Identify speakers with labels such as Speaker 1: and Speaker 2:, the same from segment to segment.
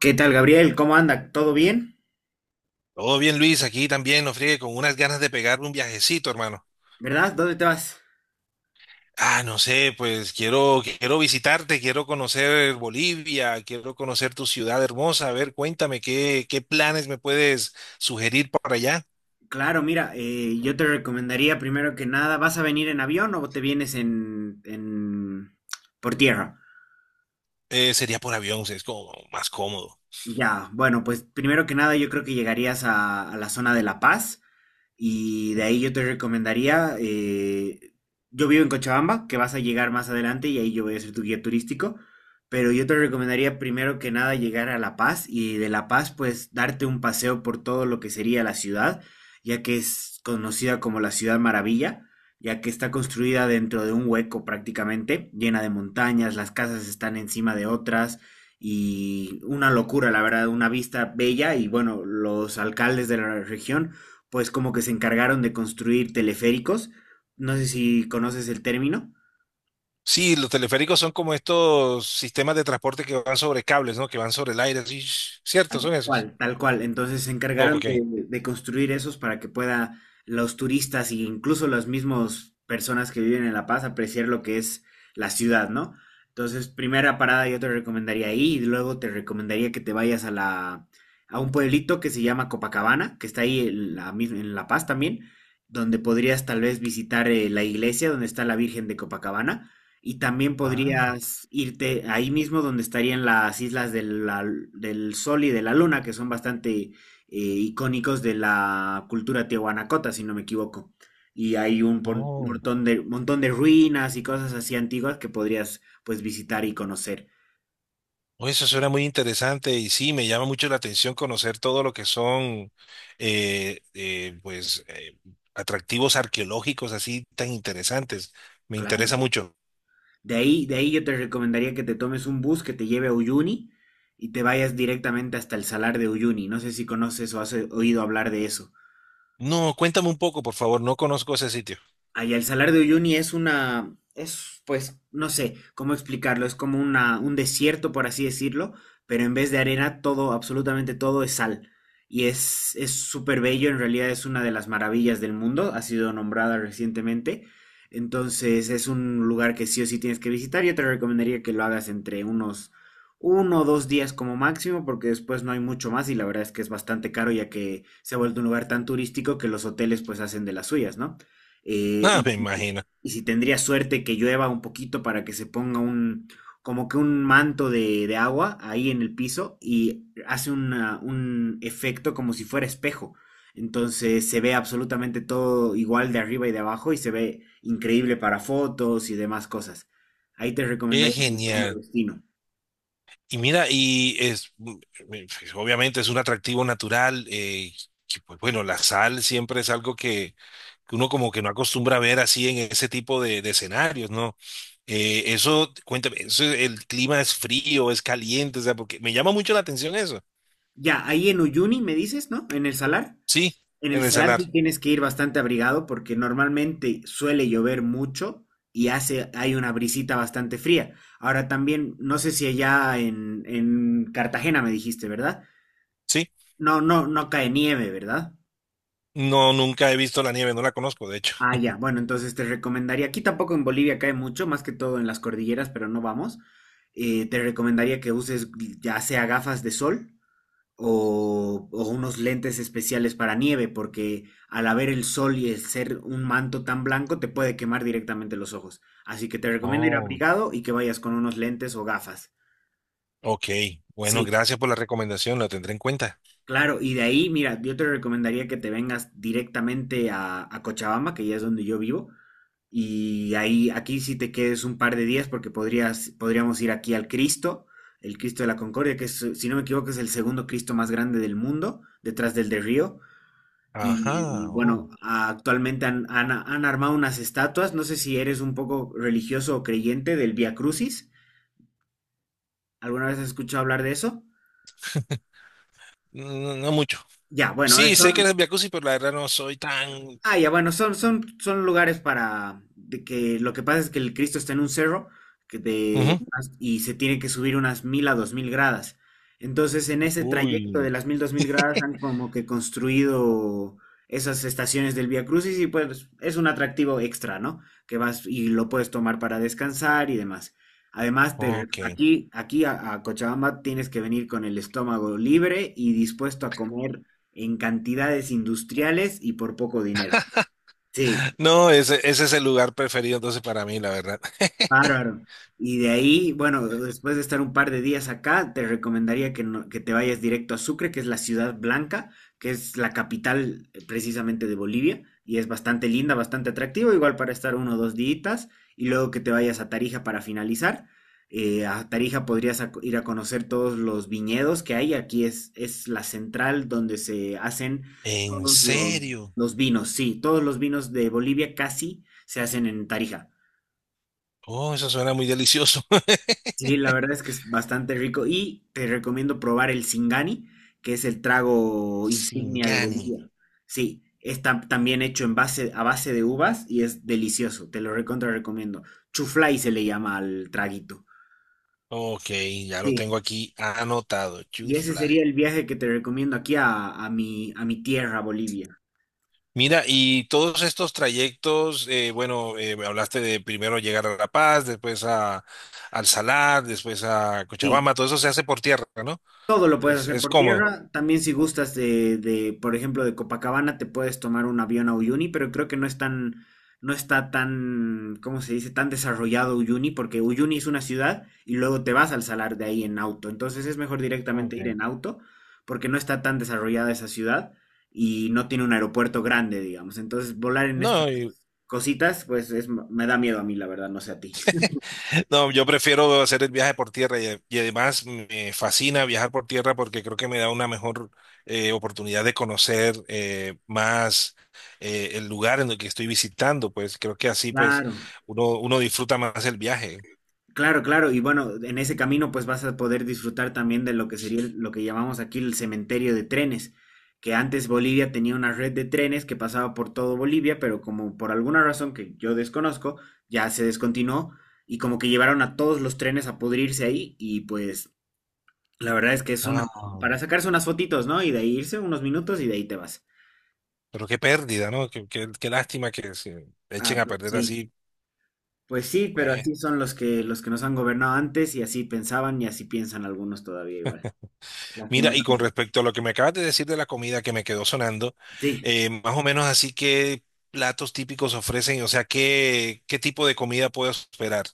Speaker 1: ¿Qué tal, Gabriel? ¿Cómo anda? ¿Todo bien?
Speaker 2: Todo bien, Luis, aquí también, no friegue, con unas ganas de pegarme un viajecito, hermano.
Speaker 1: ¿Verdad? ¿Dónde te vas?
Speaker 2: Ah, no sé, pues quiero, visitarte, quiero conocer Bolivia, quiero conocer tu ciudad hermosa. A ver, cuéntame, ¿qué planes me puedes sugerir para allá?
Speaker 1: Claro, mira, yo te recomendaría primero que nada, ¿vas a venir en avión o te vienes por tierra?
Speaker 2: Sería por avión, es como más cómodo.
Speaker 1: Ya, bueno, pues primero que nada yo creo que llegarías a la zona de La Paz. Y de ahí yo te recomendaría, yo vivo en Cochabamba, que vas a llegar más adelante y ahí yo voy a ser tu guía turístico, pero yo te recomendaría primero que nada llegar a La Paz y de La Paz pues darte un paseo por todo lo que sería la ciudad, ya que es conocida como la Ciudad Maravilla, ya que está construida dentro de un hueco prácticamente, llena de montañas, las casas están encima de otras y una locura, la verdad, una vista bella. Y bueno, los alcaldes de la región pues como que se encargaron de construir teleféricos, no sé si conoces el término,
Speaker 2: Sí, los teleféricos son como estos sistemas de transporte que van sobre cables, ¿no? Que van sobre el aire, sí, cierto, son esos.
Speaker 1: cual, tal cual, entonces se encargaron de,
Speaker 2: Ok.
Speaker 1: de construir esos para que pueda los turistas e incluso las mismas personas que viven en La Paz apreciar lo que es la ciudad, ¿no? Entonces, primera parada yo te recomendaría ahí y luego te recomendaría que te vayas a un pueblito que se llama Copacabana, que está ahí en La Paz también, donde podrías tal vez visitar la iglesia donde está la Virgen de Copacabana. Y también
Speaker 2: Ah,
Speaker 1: podrías irte ahí mismo donde estarían las islas del Sol y de la Luna, que son bastante icónicos de la cultura tiahuanacota, si no me equivoco. Y hay un pon-
Speaker 2: oh.
Speaker 1: montón de, montón de ruinas y cosas así antiguas que podrías pues visitar y conocer.
Speaker 2: Oye, eso suena muy interesante y sí, me llama mucho la atención conocer todo lo que son, eh, eh, pues, eh, atractivos arqueológicos así tan interesantes. Me
Speaker 1: Claro.
Speaker 2: interesa mucho.
Speaker 1: De ahí yo te recomendaría que te tomes un bus que te lleve a Uyuni y te vayas directamente hasta el Salar de Uyuni. No sé si conoces o has oído hablar de eso.
Speaker 2: No, cuéntame un poco, por favor, no conozco ese sitio.
Speaker 1: Ay, el Salar de Uyuni es pues, no sé cómo explicarlo, es como un desierto, por así decirlo, pero en vez de arena, todo, absolutamente todo es sal. Y es súper bello, en realidad es una de las maravillas del mundo, ha sido nombrada recientemente. Entonces es un lugar que sí o sí tienes que visitar. Yo te recomendaría que lo hagas entre 1 o 2 días como máximo, porque después no hay mucho más y la verdad es que es bastante caro ya que se ha vuelto un lugar tan turístico que los hoteles pues hacen de las suyas, ¿no? Eh,
Speaker 2: Ah,
Speaker 1: y
Speaker 2: me imagino.
Speaker 1: y si tendría suerte que llueva un poquito para que se ponga un, como que un manto de agua ahí en el piso y hace un efecto como si fuera espejo. Entonces se ve absolutamente todo igual de arriba y de abajo y se ve increíble para fotos y demás cosas. Ahí te
Speaker 2: Qué
Speaker 1: recomendaría como segundo
Speaker 2: genial.
Speaker 1: destino.
Speaker 2: Y mira, obviamente es un atractivo natural, que, pues bueno, la sal siempre es algo que uno como que no acostumbra a ver así en ese tipo de escenarios, ¿no? Eso, cuéntame, eso, el clima es frío, es caliente, o sea, porque me llama mucho la atención eso.
Speaker 1: Ya, ahí en Uyuni me dices, ¿no? En el Salar.
Speaker 2: Sí,
Speaker 1: En el
Speaker 2: en el
Speaker 1: salar
Speaker 2: salar,
Speaker 1: sí tienes que ir bastante abrigado porque normalmente suele llover mucho y hace, hay una brisita bastante fría. Ahora también, no sé si allá en Cartagena me dijiste, ¿verdad?
Speaker 2: sí.
Speaker 1: No, no, no cae nieve, ¿verdad?
Speaker 2: No, nunca he visto la nieve, no la conozco, de hecho.
Speaker 1: Ah, ya. Bueno, entonces te recomendaría, aquí tampoco en Bolivia cae mucho, más que todo en las cordilleras, pero no vamos. Te recomendaría que uses ya sea gafas de sol o unos lentes especiales para nieve, porque al haber el sol y el ser un manto tan blanco te puede quemar directamente los ojos. Así que te recomiendo ir
Speaker 2: Oh,
Speaker 1: abrigado y que vayas con unos lentes o gafas.
Speaker 2: ok. Bueno,
Speaker 1: Sí,
Speaker 2: gracias por la recomendación, la tendré en cuenta.
Speaker 1: claro, y de ahí, mira, yo te recomendaría que te vengas directamente a Cochabamba, que ya es donde yo vivo, y ahí, aquí sí te quedes un par de días porque podríamos ir aquí al Cristo, el Cristo de la Concordia, que es, si no me equivoco es el segundo Cristo más grande del mundo, detrás del de Río. Y
Speaker 2: Ajá, oh.
Speaker 1: bueno, actualmente han armado unas estatuas. No sé si eres un poco religioso o creyente del Vía Crucis. ¿Alguna vez has escuchado hablar de eso?
Speaker 2: No, no mucho.
Speaker 1: Ya, bueno,
Speaker 2: Sí, sé que
Speaker 1: eso.
Speaker 2: eres jacuzzi, pero la verdad no soy tan...
Speaker 1: Ah, ya, bueno, son lugares para de que lo que pasa es que el Cristo está en un cerro que de,
Speaker 2: Ujú.
Speaker 1: y se tiene que subir unas 1.000 a 2.000 gradas. Entonces, en ese trayecto de
Speaker 2: Uy,
Speaker 1: las 1.000, 2.000 gradas han como que construido esas estaciones del Vía Crucis y pues es un atractivo extra, ¿no? Que vas y lo puedes tomar para descansar y demás. Además, te re-
Speaker 2: ok.
Speaker 1: aquí, aquí a Cochabamba tienes que venir con el estómago libre y dispuesto a comer en cantidades industriales y por poco dinero. Sí.
Speaker 2: No, ese es el lugar preferido entonces para mí, la verdad.
Speaker 1: Bárbaro. Y de ahí, bueno, después de estar un par de días acá, te recomendaría que, no- que te vayas directo a Sucre, que es la ciudad blanca, que es la capital precisamente de Bolivia, y es bastante linda, bastante atractivo, igual para estar 1 o 2 días, y luego que te vayas a Tarija para finalizar. A Tarija podrías ir a conocer todos los viñedos que hay, aquí es la central donde se hacen
Speaker 2: ¿En
Speaker 1: todos los,
Speaker 2: serio?
Speaker 1: los vinos, sí, todos los vinos de Bolivia casi se hacen en Tarija.
Speaker 2: Oh, eso suena muy delicioso.
Speaker 1: Sí, la verdad es que es bastante rico y te recomiendo probar el Singani, que es el trago insignia de
Speaker 2: Singani.
Speaker 1: Bolivia. Sí, está también hecho en base, a base de uvas y es delicioso, te lo recontra recomiendo. Chuflay se le llama al traguito.
Speaker 2: Ok, ya lo
Speaker 1: Sí,
Speaker 2: tengo aquí anotado.
Speaker 1: y ese sería
Speaker 2: Fly.
Speaker 1: el viaje que te recomiendo aquí a mi tierra, Bolivia.
Speaker 2: Mira, y todos estos trayectos, me hablaste de primero llegar a La Paz, después a, al Salar, después a
Speaker 1: Sí.
Speaker 2: Cochabamba, todo eso se hace por tierra, ¿no?
Speaker 1: Todo lo puedes hacer
Speaker 2: Es
Speaker 1: por
Speaker 2: cómodo.
Speaker 1: tierra. También si gustas por ejemplo, de Copacabana, te puedes tomar un avión a Uyuni, pero creo que no es tan, no está tan, ¿cómo se dice? Tan desarrollado Uyuni, porque Uyuni es una ciudad y luego te vas al salar de ahí en auto. Entonces es mejor directamente ir
Speaker 2: Ok.
Speaker 1: en auto, porque no está tan desarrollada esa ciudad y no tiene un aeropuerto grande, digamos. Entonces volar en estas
Speaker 2: No, y-
Speaker 1: cositas, pues es, me da miedo a mí, la verdad, no sé a ti.
Speaker 2: no, yo prefiero hacer el viaje por tierra y además me fascina viajar por tierra porque creo que me da una mejor oportunidad de conocer más, el lugar en el que estoy visitando, pues creo que así pues
Speaker 1: Claro.
Speaker 2: uno disfruta más el viaje.
Speaker 1: Claro, claro, y bueno, en ese camino pues vas a poder disfrutar también de lo que sería lo que llamamos aquí el cementerio de trenes, que antes Bolivia tenía una red de trenes que pasaba por todo Bolivia, pero como por alguna razón que yo desconozco, ya se descontinuó y como que llevaron a todos los trenes a pudrirse ahí y pues la verdad es que es una
Speaker 2: Ah.
Speaker 1: para sacarse unas fotitos, ¿no? Y de ahí irse unos minutos y de ahí te vas.
Speaker 2: Pero qué pérdida, ¿no? Qué lástima que se echen
Speaker 1: Ah,
Speaker 2: a
Speaker 1: pues
Speaker 2: perder
Speaker 1: sí.
Speaker 2: así.
Speaker 1: Pues sí, pero
Speaker 2: Pues,
Speaker 1: así son los que nos han gobernado antes y así pensaban y así piensan algunos todavía igual.
Speaker 2: mira, y con
Speaker 1: Lastimosamente.
Speaker 2: respecto a lo que me acabas de decir de la comida que me quedó sonando,
Speaker 1: Sí,
Speaker 2: más o menos así, ¿qué platos típicos ofrecen? O sea, ¿qué tipo de comida puedo esperar?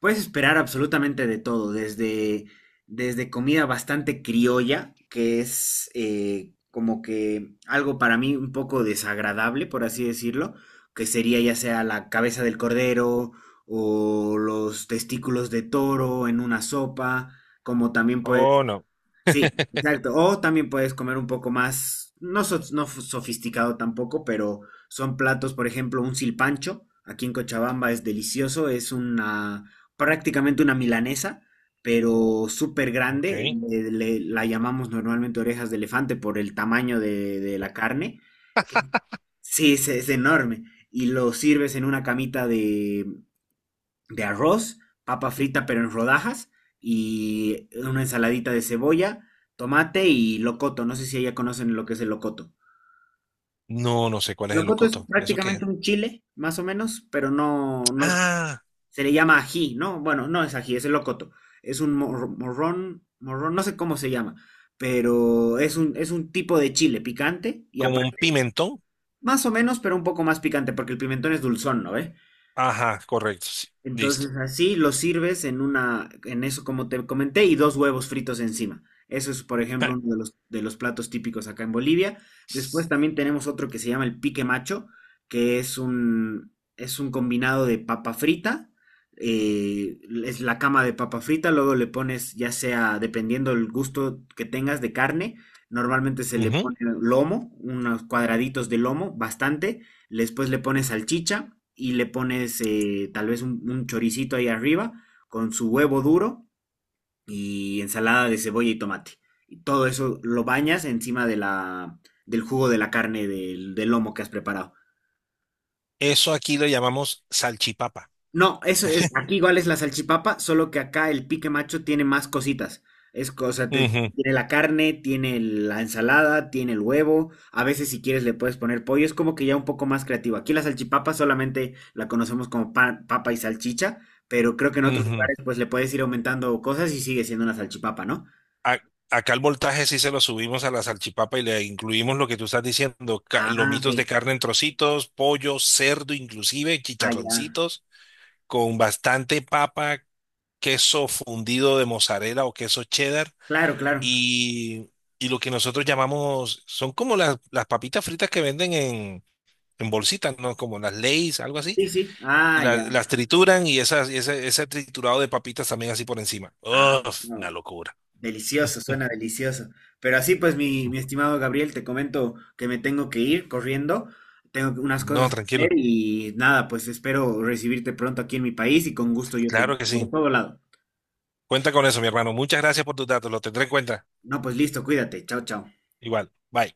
Speaker 1: puedes esperar absolutamente de todo, desde comida bastante criolla, que es como que algo para mí un poco desagradable, por así decirlo, que sería ya sea la cabeza del cordero o los testículos de toro en una sopa, como también puedes.
Speaker 2: Oh, no.
Speaker 1: Sí, exacto. O también puedes comer un poco más, no, sofisticado tampoco, pero son platos, por ejemplo, un silpancho. Aquí en Cochabamba es delicioso, es una prácticamente una milanesa, pero súper
Speaker 2: Ok.
Speaker 1: grande. La llamamos normalmente orejas de elefante por el tamaño de la carne. que- Sí, es enorme. Y lo sirves en una camita de arroz, papa frita pero en rodajas y una ensaladita de cebolla, tomate y locoto. No sé si ya conocen lo que es el locoto.
Speaker 2: No, no sé cuál es el
Speaker 1: Locoto es
Speaker 2: locoto. ¿Eso qué es?
Speaker 1: prácticamente un chile, más o menos, pero no, no
Speaker 2: Ah,
Speaker 1: se le llama ají, ¿no? Bueno, no es ají, es el locoto. Es un morrón, no sé cómo se llama, pero es un tipo de chile picante y
Speaker 2: como un
Speaker 1: aparte,
Speaker 2: pimentón.
Speaker 1: más o menos, pero un poco más picante, porque el pimentón es dulzón, ¿no ve?
Speaker 2: Ajá, correcto. Sí. Listo.
Speaker 1: Entonces así lo sirves en una, en eso como te comenté, y dos huevos fritos encima. Eso es, por ejemplo, uno de los platos típicos acá en Bolivia. Después también tenemos otro que se llama el pique macho, que es un combinado de papa frita, eh, es la cama de papa frita, luego le pones, ya sea, dependiendo el gusto que tengas de carne, normalmente se le
Speaker 2: Ujú.
Speaker 1: pone lomo, unos cuadraditos de lomo, bastante. Después le pones salchicha y le pones tal vez un choricito ahí arriba con su huevo duro y ensalada de cebolla y tomate. Y todo eso lo bañas encima del jugo de la carne del lomo que has preparado.
Speaker 2: Eso aquí lo llamamos salchipapa.
Speaker 1: No, eso es, aquí igual es la salchipapa, solo que acá el pique macho tiene más cositas. Es cosa, te-
Speaker 2: Ujú,
Speaker 1: Tiene la carne, tiene el- la ensalada, tiene el huevo. A veces si quieres le puedes poner pollo. Es como que ya un poco más creativo. Aquí la salchipapa solamente la conocemos como papa y salchicha, pero creo que en otros
Speaker 2: ujú.
Speaker 1: lugares pues le puedes ir aumentando cosas y sigue siendo una salchipapa, ¿no?
Speaker 2: a- Acá el voltaje sí se lo subimos a la salchipapa y le incluimos lo que tú estás diciendo,
Speaker 1: Ah, ok.
Speaker 2: lomitos de carne en trocitos, pollo, cerdo inclusive,
Speaker 1: Ah, ya.
Speaker 2: chicharroncitos, con bastante papa, queso fundido de mozzarella o queso cheddar
Speaker 1: Claro, claro.
Speaker 2: y, y lo que nosotros llamamos, son como las papitas fritas que venden en... En bolsitas, ¿no? Como las Lay's, algo así.
Speaker 1: Sí, sí. Ah, ya.
Speaker 2: Las trituran y esas, y ese triturado de papitas también así por encima.
Speaker 1: Ah,
Speaker 2: Uf,
Speaker 1: ah,
Speaker 2: una locura.
Speaker 1: delicioso, suena delicioso. Pero así pues, mi estimado Gabriel, te comento que me tengo que ir corriendo, tengo unas
Speaker 2: No,
Speaker 1: cosas que hacer
Speaker 2: tranquilo.
Speaker 1: y nada, pues espero recibirte pronto aquí en mi país y con gusto yo te
Speaker 2: Claro
Speaker 1: guío
Speaker 2: que
Speaker 1: por
Speaker 2: sí.
Speaker 1: todo lado.
Speaker 2: Cuenta con eso, mi hermano. Muchas gracias por tus datos. Lo tendré en cuenta.
Speaker 1: No, pues listo, cuídate. Chao, chao.
Speaker 2: Igual. Bye.